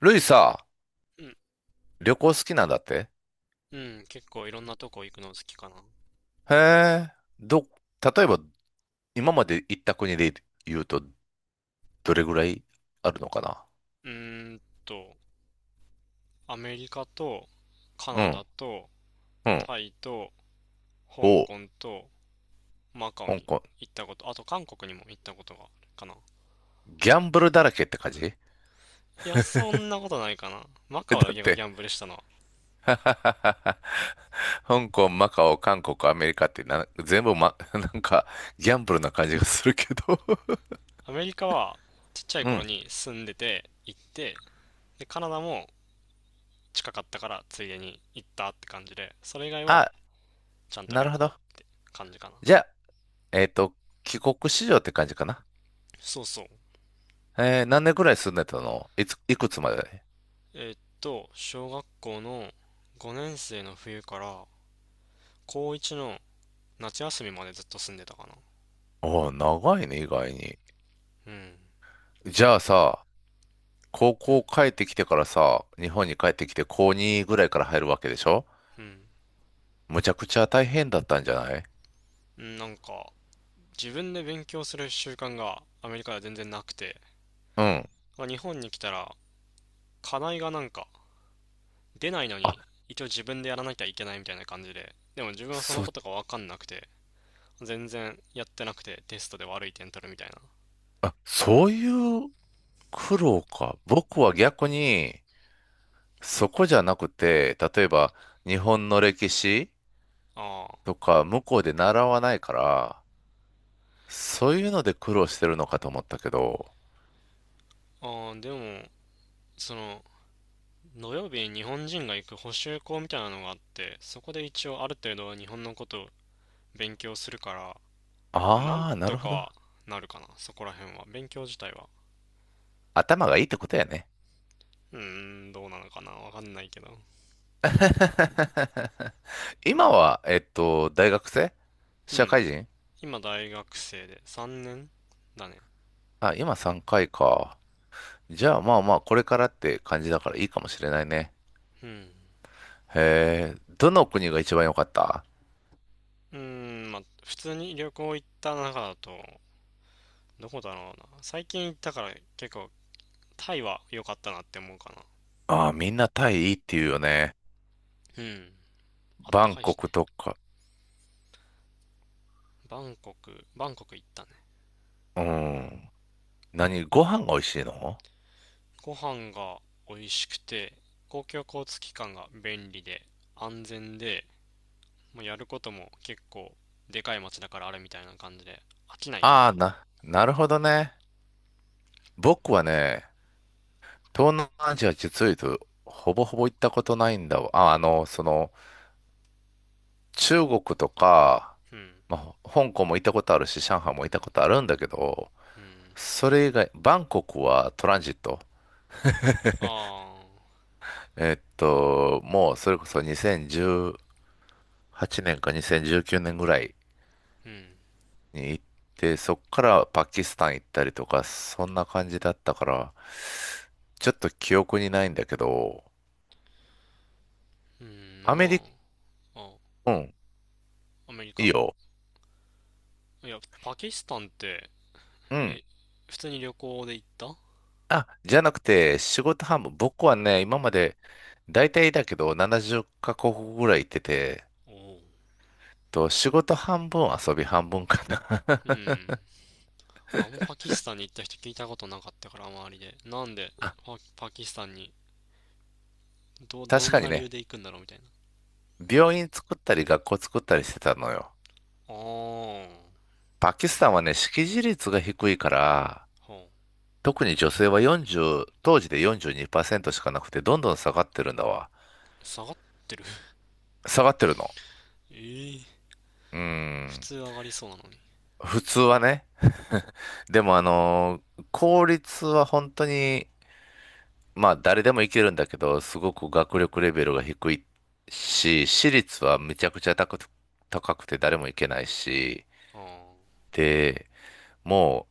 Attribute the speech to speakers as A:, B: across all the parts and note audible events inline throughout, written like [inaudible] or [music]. A: ルイさ、
B: うん、
A: 旅行好きなんだって。
B: うん、結構いろんなとこ行くの好きかな。
A: へえ、ど、例えば今まで行った国で言うと、どれぐらいあるのかな？
B: うーんと、アメリカとカ
A: う
B: ナダ
A: ん、
B: と
A: うん。
B: タイと香
A: おう、
B: 港とマカオ
A: 香
B: に
A: 港。
B: 行ったこと、あと韓国にも行ったことがあるかな。
A: ギャンブルだらけって感じ？
B: いや、そんなことないかな。マ
A: え
B: カオ
A: だ
B: だ
A: っ
B: けが
A: て、
B: ギャンブルしたのは。
A: ははははは [laughs] 香港、マカオ、韓国、アメリカってな、全部ま、[laughs] なんかギャンブルな感じがするけど。 [laughs]
B: アメリカはちっちゃい
A: う
B: 頃
A: ん。
B: に住んでて行って、で、カナダも近かったからついでに行ったって感じで、それ以外は
A: あ、
B: ちゃんと
A: な
B: 旅
A: るほ
B: 行っ
A: ど。
B: て感じかな。
A: じゃあ、えっと、帰国子女って感じかな？
B: そうそう。
A: 何年ぐらい住んでたの？いつ、いくつまで？
B: 小学校の5年生の冬から高1の夏休みまでずっと住んでたかな。
A: ああ、長いね、意外に。
B: うん。
A: じゃあさ、高
B: う
A: 校
B: ん。
A: 帰ってきてからさ、日本に帰ってきて高2ぐらいから入るわけでしょ？
B: うん。
A: むちゃくちゃ大変だったんじゃない？
B: なんか、自分で勉強する習慣がアメリカでは全然なくて、
A: うん。
B: ま日本に来たら課題がなんか出ないの
A: あ、
B: に一応自分でやらなきゃいけないみたいな感じで、でも自分はその
A: そ、
B: ことが分かんなくて、全然やってなくてテストで悪い点取るみたいな。
A: そういう苦労か。僕は逆に、そこじゃなくて、例えば日本の歴史
B: あ
A: とか向こうで習わないから、そういうので苦労してるのかと思ったけど。
B: ーああ、でも、その、土曜日に日本人が行く補習校みたいなのがあって、そこで一応ある程度は日本のことを勉強するから、なん
A: ああ、な
B: と
A: るほど。
B: かなるかな、そこら辺は。勉強自体は。
A: 頭がいいってことやね。
B: うーん、どうなのかな、わかんないけど。
A: [laughs] 今は、大学生？
B: う
A: 社
B: ん。
A: 会人？
B: 今大学生で3年だね。
A: あ、今3回か、いか。じゃあまあまあ、これからって感じだからいいかもしれないね。
B: うん。
A: へえ、どの国が一番良かった？
B: うーん、まあ、普通に旅行行った中だと、どこだろうな。最近行ったから結構タイは良かったなって思うかな。
A: ああ、みんなタイいいって言うよね。
B: うん。あっ
A: バ
B: た
A: ン
B: かいし
A: コ
B: ね。
A: クとか。
B: バンコク、バンコク行ったね。
A: うん。何、ご飯が美味しいの？
B: ご飯が美味しくて、公共交通機関が便利で安全で、もうやることも結構でかい街だからあるみたいな感じで飽きないかな。
A: ああ、なるほどね。僕はね、東南アジア、実を言うと、ほぼほぼ行ったことないんだわ。あ、中国とか、
B: うん。
A: まあ、香港も行ったことあるし、上海も行ったことあるんだけど、
B: うん。
A: それ以外、バンコクはトランジット。
B: ああ、
A: もうそれこそ2018年か2019年ぐらい
B: うん。
A: に行って、そっからパキスタン行ったりとか、そんな感じだったから、ちょっと記憶にないんだけど、
B: うん、
A: アメ
B: ま
A: リカ、
B: あ、
A: うん、
B: あ、アメリ
A: いい
B: カ。
A: よ。
B: いや、パキスタンって、
A: うん。
B: え、普通に旅行で行った？
A: あ、じゃなくて、仕事半分、僕はね、今まで、大体だけど、70カ国ぐらい行ってて、
B: おおう。
A: と、仕事半分、遊び半分かな。
B: うん。あんまパキスタンに行った人聞いたことなかったから、周りで。なんで
A: [laughs]
B: パキスタンに、ど
A: 確
B: ん
A: かに
B: な理由
A: ね、
B: で行くんだろうみたいな。
A: 病院作ったり学校作ったりしてたのよ。
B: ああ。
A: パキスタンはね、識字率が低いから、
B: はあ、
A: 特に女性は40、当時で42%しかなくて、どんどん下がってるんだわ。
B: 下がってる
A: 下がってるの。
B: [laughs] ええー
A: うー
B: 普
A: ん。
B: 通上がりそうなのに。
A: 普通はね。でも公立は本当に、まあ誰でもいけるんだけど、すごく学力レベルが低いし、私立はめちゃくちゃ高くて誰もいけないし、
B: ああ、
A: で、も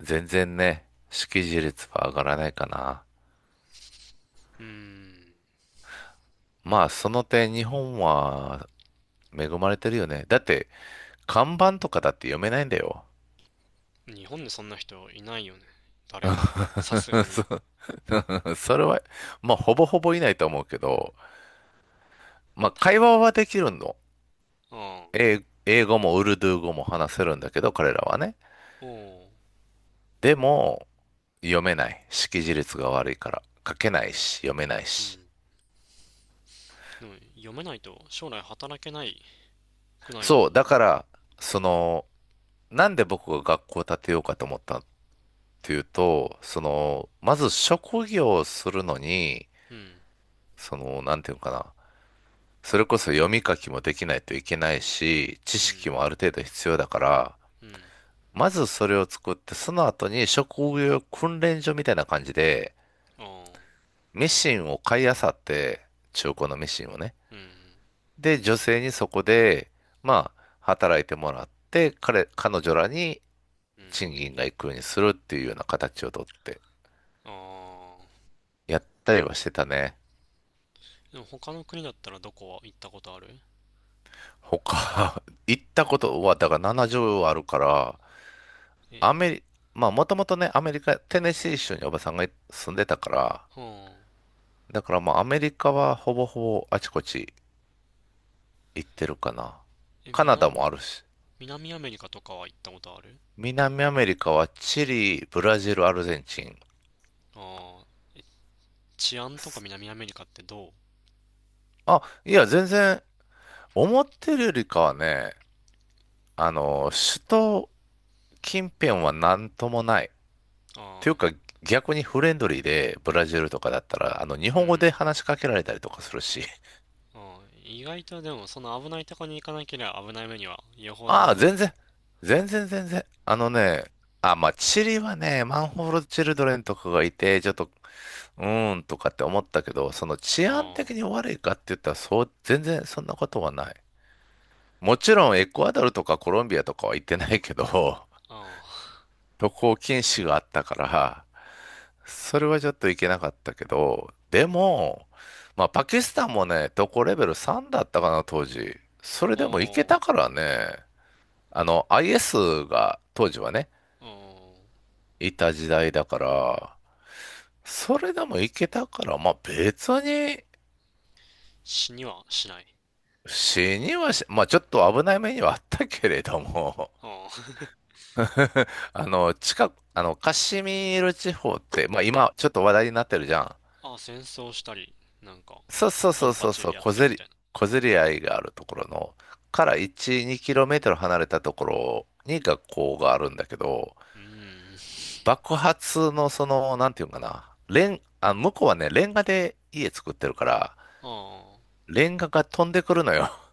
A: う、全然ね、識字率は上がらないかな。
B: うーん。
A: まあ、その点、日本は恵まれてるよね。だって、看板とかだって読めないんだよ。
B: 日本でそんな人いないよね。誰も。さすがに。
A: [laughs] それは、まあ、ほぼほぼいないと思うけど、まあ、会話はできるの。
B: ああ、
A: 英語もウルドゥー語も話せるんだけど、彼らはね。
B: おお、
A: でも、読めない。識字率が悪いから。書けないし、読めない
B: う
A: し。
B: ん。でも、読めないと将来働けないくない？
A: そう、だから、その、なんで僕が学校を建てようかと思ったっていうと、まず職業をするのに、
B: うん、
A: なんていうのかな。それこそ読み書きもできないといけないし、知
B: う
A: 識
B: ん、
A: もある程度必要だから、
B: うん、
A: まずそれを作って、その後に職業訓練所みたいな感じで、
B: ああ、
A: ミシンを買い漁って、中古のミシンをね。
B: うん、
A: で、女性にそこで、まあ、働いてもらって、彼女らに
B: うん、
A: 賃金が行くようにするっていうような形をとって、
B: ああ。
A: やったりはしてたね。
B: でも他の国だったらどこは行ったことある？
A: 他、[laughs] 行ったことは、だから70あるから、
B: え、
A: アメリ、まあもともとね、アメリカ、テネシー州におばさんが住んでたから、
B: はあ、
A: だからまあアメリカはほぼほぼあちこち行ってるかな。
B: え、
A: カナダ
B: 南、
A: もあるし、
B: 南アメリカとかは行ったことある？
A: 南アメリカはチリ、ブラジル、アルゼンチン。
B: ああ、え治安とか南アメリカってどう？
A: あ、いや、全然、思ってるよりかはね、首都近辺はなんともない。
B: あ
A: ていう
B: あ、
A: か、逆にフレンドリーで、ブラジルとかだったら、日
B: う
A: 本語で
B: ん。
A: 話しかけられたりとかするし。
B: ああ、意外とでも、その危ないとこに行かなければ危ない目には、よほどの
A: ああ、
B: こと、
A: 全然、全然全然。あのね、あ、まあ、チリはね、マンホールチルドレンとかがいて、ちょっと、うーんとかって思ったけど、その治安
B: あ
A: 的に悪いかって言ったら、そう、全然そんなことはない。もちろん、エクアドルとかコロンビアとかは行ってないけど、[laughs]
B: あ、ああ、
A: 渡航禁止があったから、それはちょっといけなかったけど、でも、まあ、パキスタンもね、どこレベル3だったかな、当時。それ
B: [laughs] お
A: でもいけた
B: お、
A: からね、IS が当時はね、
B: おお、
A: いた時代だから、それでもいけたから、まあ、別に
B: 死にはしない。
A: 死にはし、まあ、ちょっと危ない目にはあったけれども。
B: あ
A: [laughs] あの、近く、あの、カシミール地方って、まあ、今、ちょっと話題になってるじゃん。
B: あ、[laughs] ああ、戦争したり、なんか、
A: そうそう
B: ド
A: そ
B: ン
A: う
B: パ
A: そう
B: チ
A: そう、
B: やってるみたいな。
A: 小競り合いがあるところの、から1、2キロメートル離れたところに学校があるんだけど、
B: うーん。
A: 爆発のなんていうのかな、レン、あ、向こうはね、レンガで家作ってるから、
B: あ
A: レンガが飛んでくるのよ。[laughs]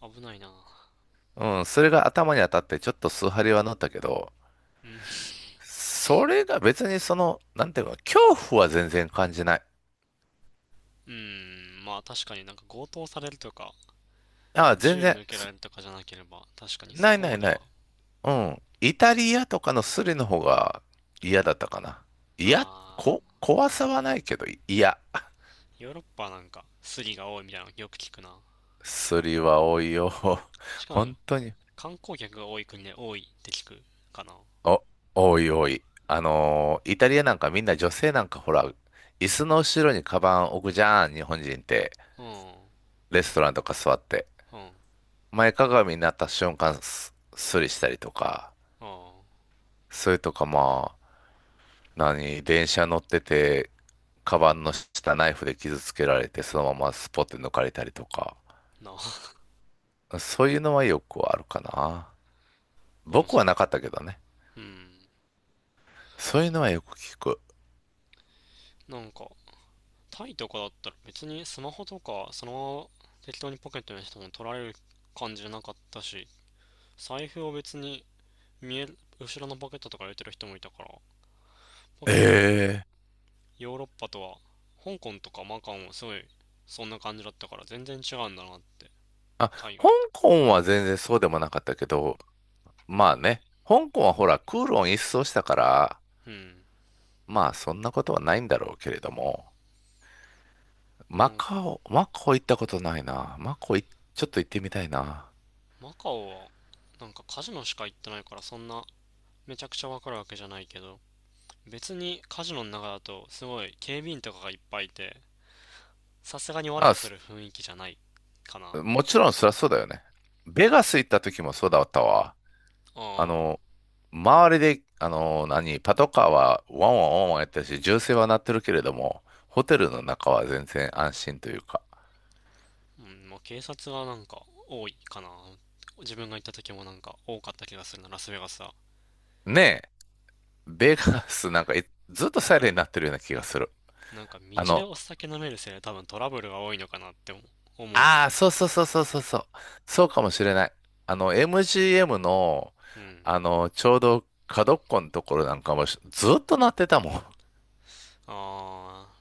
B: あ、危ないな。
A: うん、それが頭に当たってちょっと数針は乗ったけど、
B: うん。
A: それが別になんていうの、恐怖は全然感じない。
B: うん、まあ確かになんか強盗されるとか、
A: あ、全
B: 銃
A: 然、
B: 向けられるとかじゃなければ、確かにそ
A: ない
B: こ
A: な
B: ま
A: い
B: で
A: な
B: は、
A: い。うん。イタリアとかのスリの方が嫌だったかな。嫌、
B: ああ、
A: 怖さはないけど、嫌。
B: ヨーロッパなんかスリが多いみたいなのよく聞くな。
A: スリは多いよ。
B: し
A: [laughs]
B: かもな
A: 本当に。
B: 観光客が多い国で多いって聞くかな。
A: お、多い多い。イタリアなんかみんな女性なんかほら、椅子の後ろにカバン置くじゃん、日本人って。
B: うん。
A: レストランとか座って。
B: うん。あ
A: 前かがみになった瞬間、スリしたりとか。
B: あ。
A: それとかま何、電車乗ってて、カバンの下ナイフで傷つけられて、そのままスポッて抜かれたりとか、
B: なあ。
A: そういうのはよくあるかな。
B: [laughs] うん、
A: 僕
B: そ
A: は
B: う。
A: なかったけどね。
B: うん。
A: そういうのはよく聞く。
B: なんか、タイとかだったら別にスマホとかそのまま適当にポケットにしても取られる感じじゃなかったし、財布を別に見える、後ろのポケットとか入れてる人もいたから、結構ヨ
A: ええ、
B: ーロッパとは、香港とかマカオもすごいそんな感じだったから全然違うんだなって、
A: あ、
B: 海外
A: 香
B: って。
A: 港は全然そうでもなかったけど、まあね、香港はほら、クーロン一掃したから、
B: うん。
A: まあそんなことはないんだろうけれども、
B: な
A: マ
B: ん
A: カオ、マカオ行ったことないな。マカオ、ちょっと行ってみたいな。
B: マカオは、なんかカジノしか行ってないから、そんな、めちゃくちゃわかるわけじゃないけど、別にカジノの中だと、すごい警備員とかがいっぱいいて、さすがに悪さ
A: あ、
B: する雰囲気じゃないかな。あ
A: もちろんそりゃそうだよね。ベガス行った時もそうだったわ。あ
B: あ、
A: の、周りで、何、パトカーはワンワンワンワンやってるし、銃声は鳴ってるけれども、ホテルの中は全然安心というか。
B: うん、まあ警察がなんか多いかな。自分が行った時もなんか多かった気がするな、ラスベガスは。
A: ねえ、ベガスなんかいずっとサイレンになってるような気がする。
B: なんか道
A: あ
B: で
A: の、
B: お酒飲めるせいで多分トラブルが多いのかなって思うな。
A: ああ、そうそうそうそうそうそう。そうかもしれない。MGM の、
B: うん。
A: ちょうど角っこのところなんかもしずっと鳴ってたもん。
B: ああ、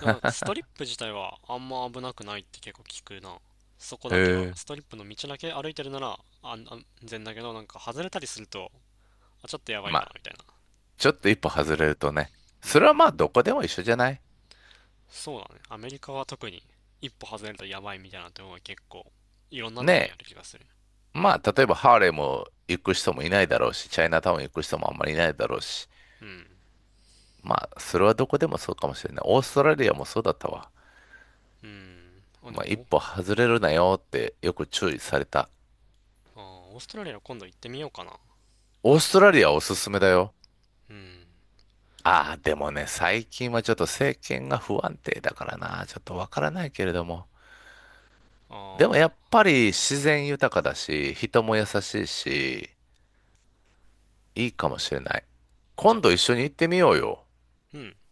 B: でもなんかストリップ自体はあんま危なくないって結構聞くな。そこ
A: へ
B: だけは。
A: え。
B: ストリップの道だけ歩いてるなら安全だけど、なんか外れたりすると、あ、ちょっとやばい
A: ま
B: かな
A: あ
B: みたい
A: ちょっと一歩外れるとね、
B: な。う
A: それ
B: ん。
A: はまあどこでも一緒じゃない？
B: そうだね。アメリカは特に一歩外れるとやばいみたいなところが結構いろんな
A: ね
B: とこにある気がする。
A: え、まあ例えばハーレムも行く人もいないだろうし、チャイナタウン行く人もあんまりいないだろうし、
B: うん。
A: まあそれはどこでもそうかもしれない。オーストラリアもそうだったわ。
B: うん。あ、で
A: まあ一
B: も、
A: 歩外れるなよってよく注意された。
B: あー、オーストラリア今度行ってみようかな。
A: オーストラリアおすすめだよ。
B: うん。
A: ああ、でもね、最近はちょっと政権が不安定だからな、ちょっとわからないけれども。でも
B: あ
A: やっぱり自然豊かだし、人も優しいし、いいかもしれない。
B: あ、じゃ
A: 今
B: あ、
A: 度一緒に行ってみようよ。
B: うん。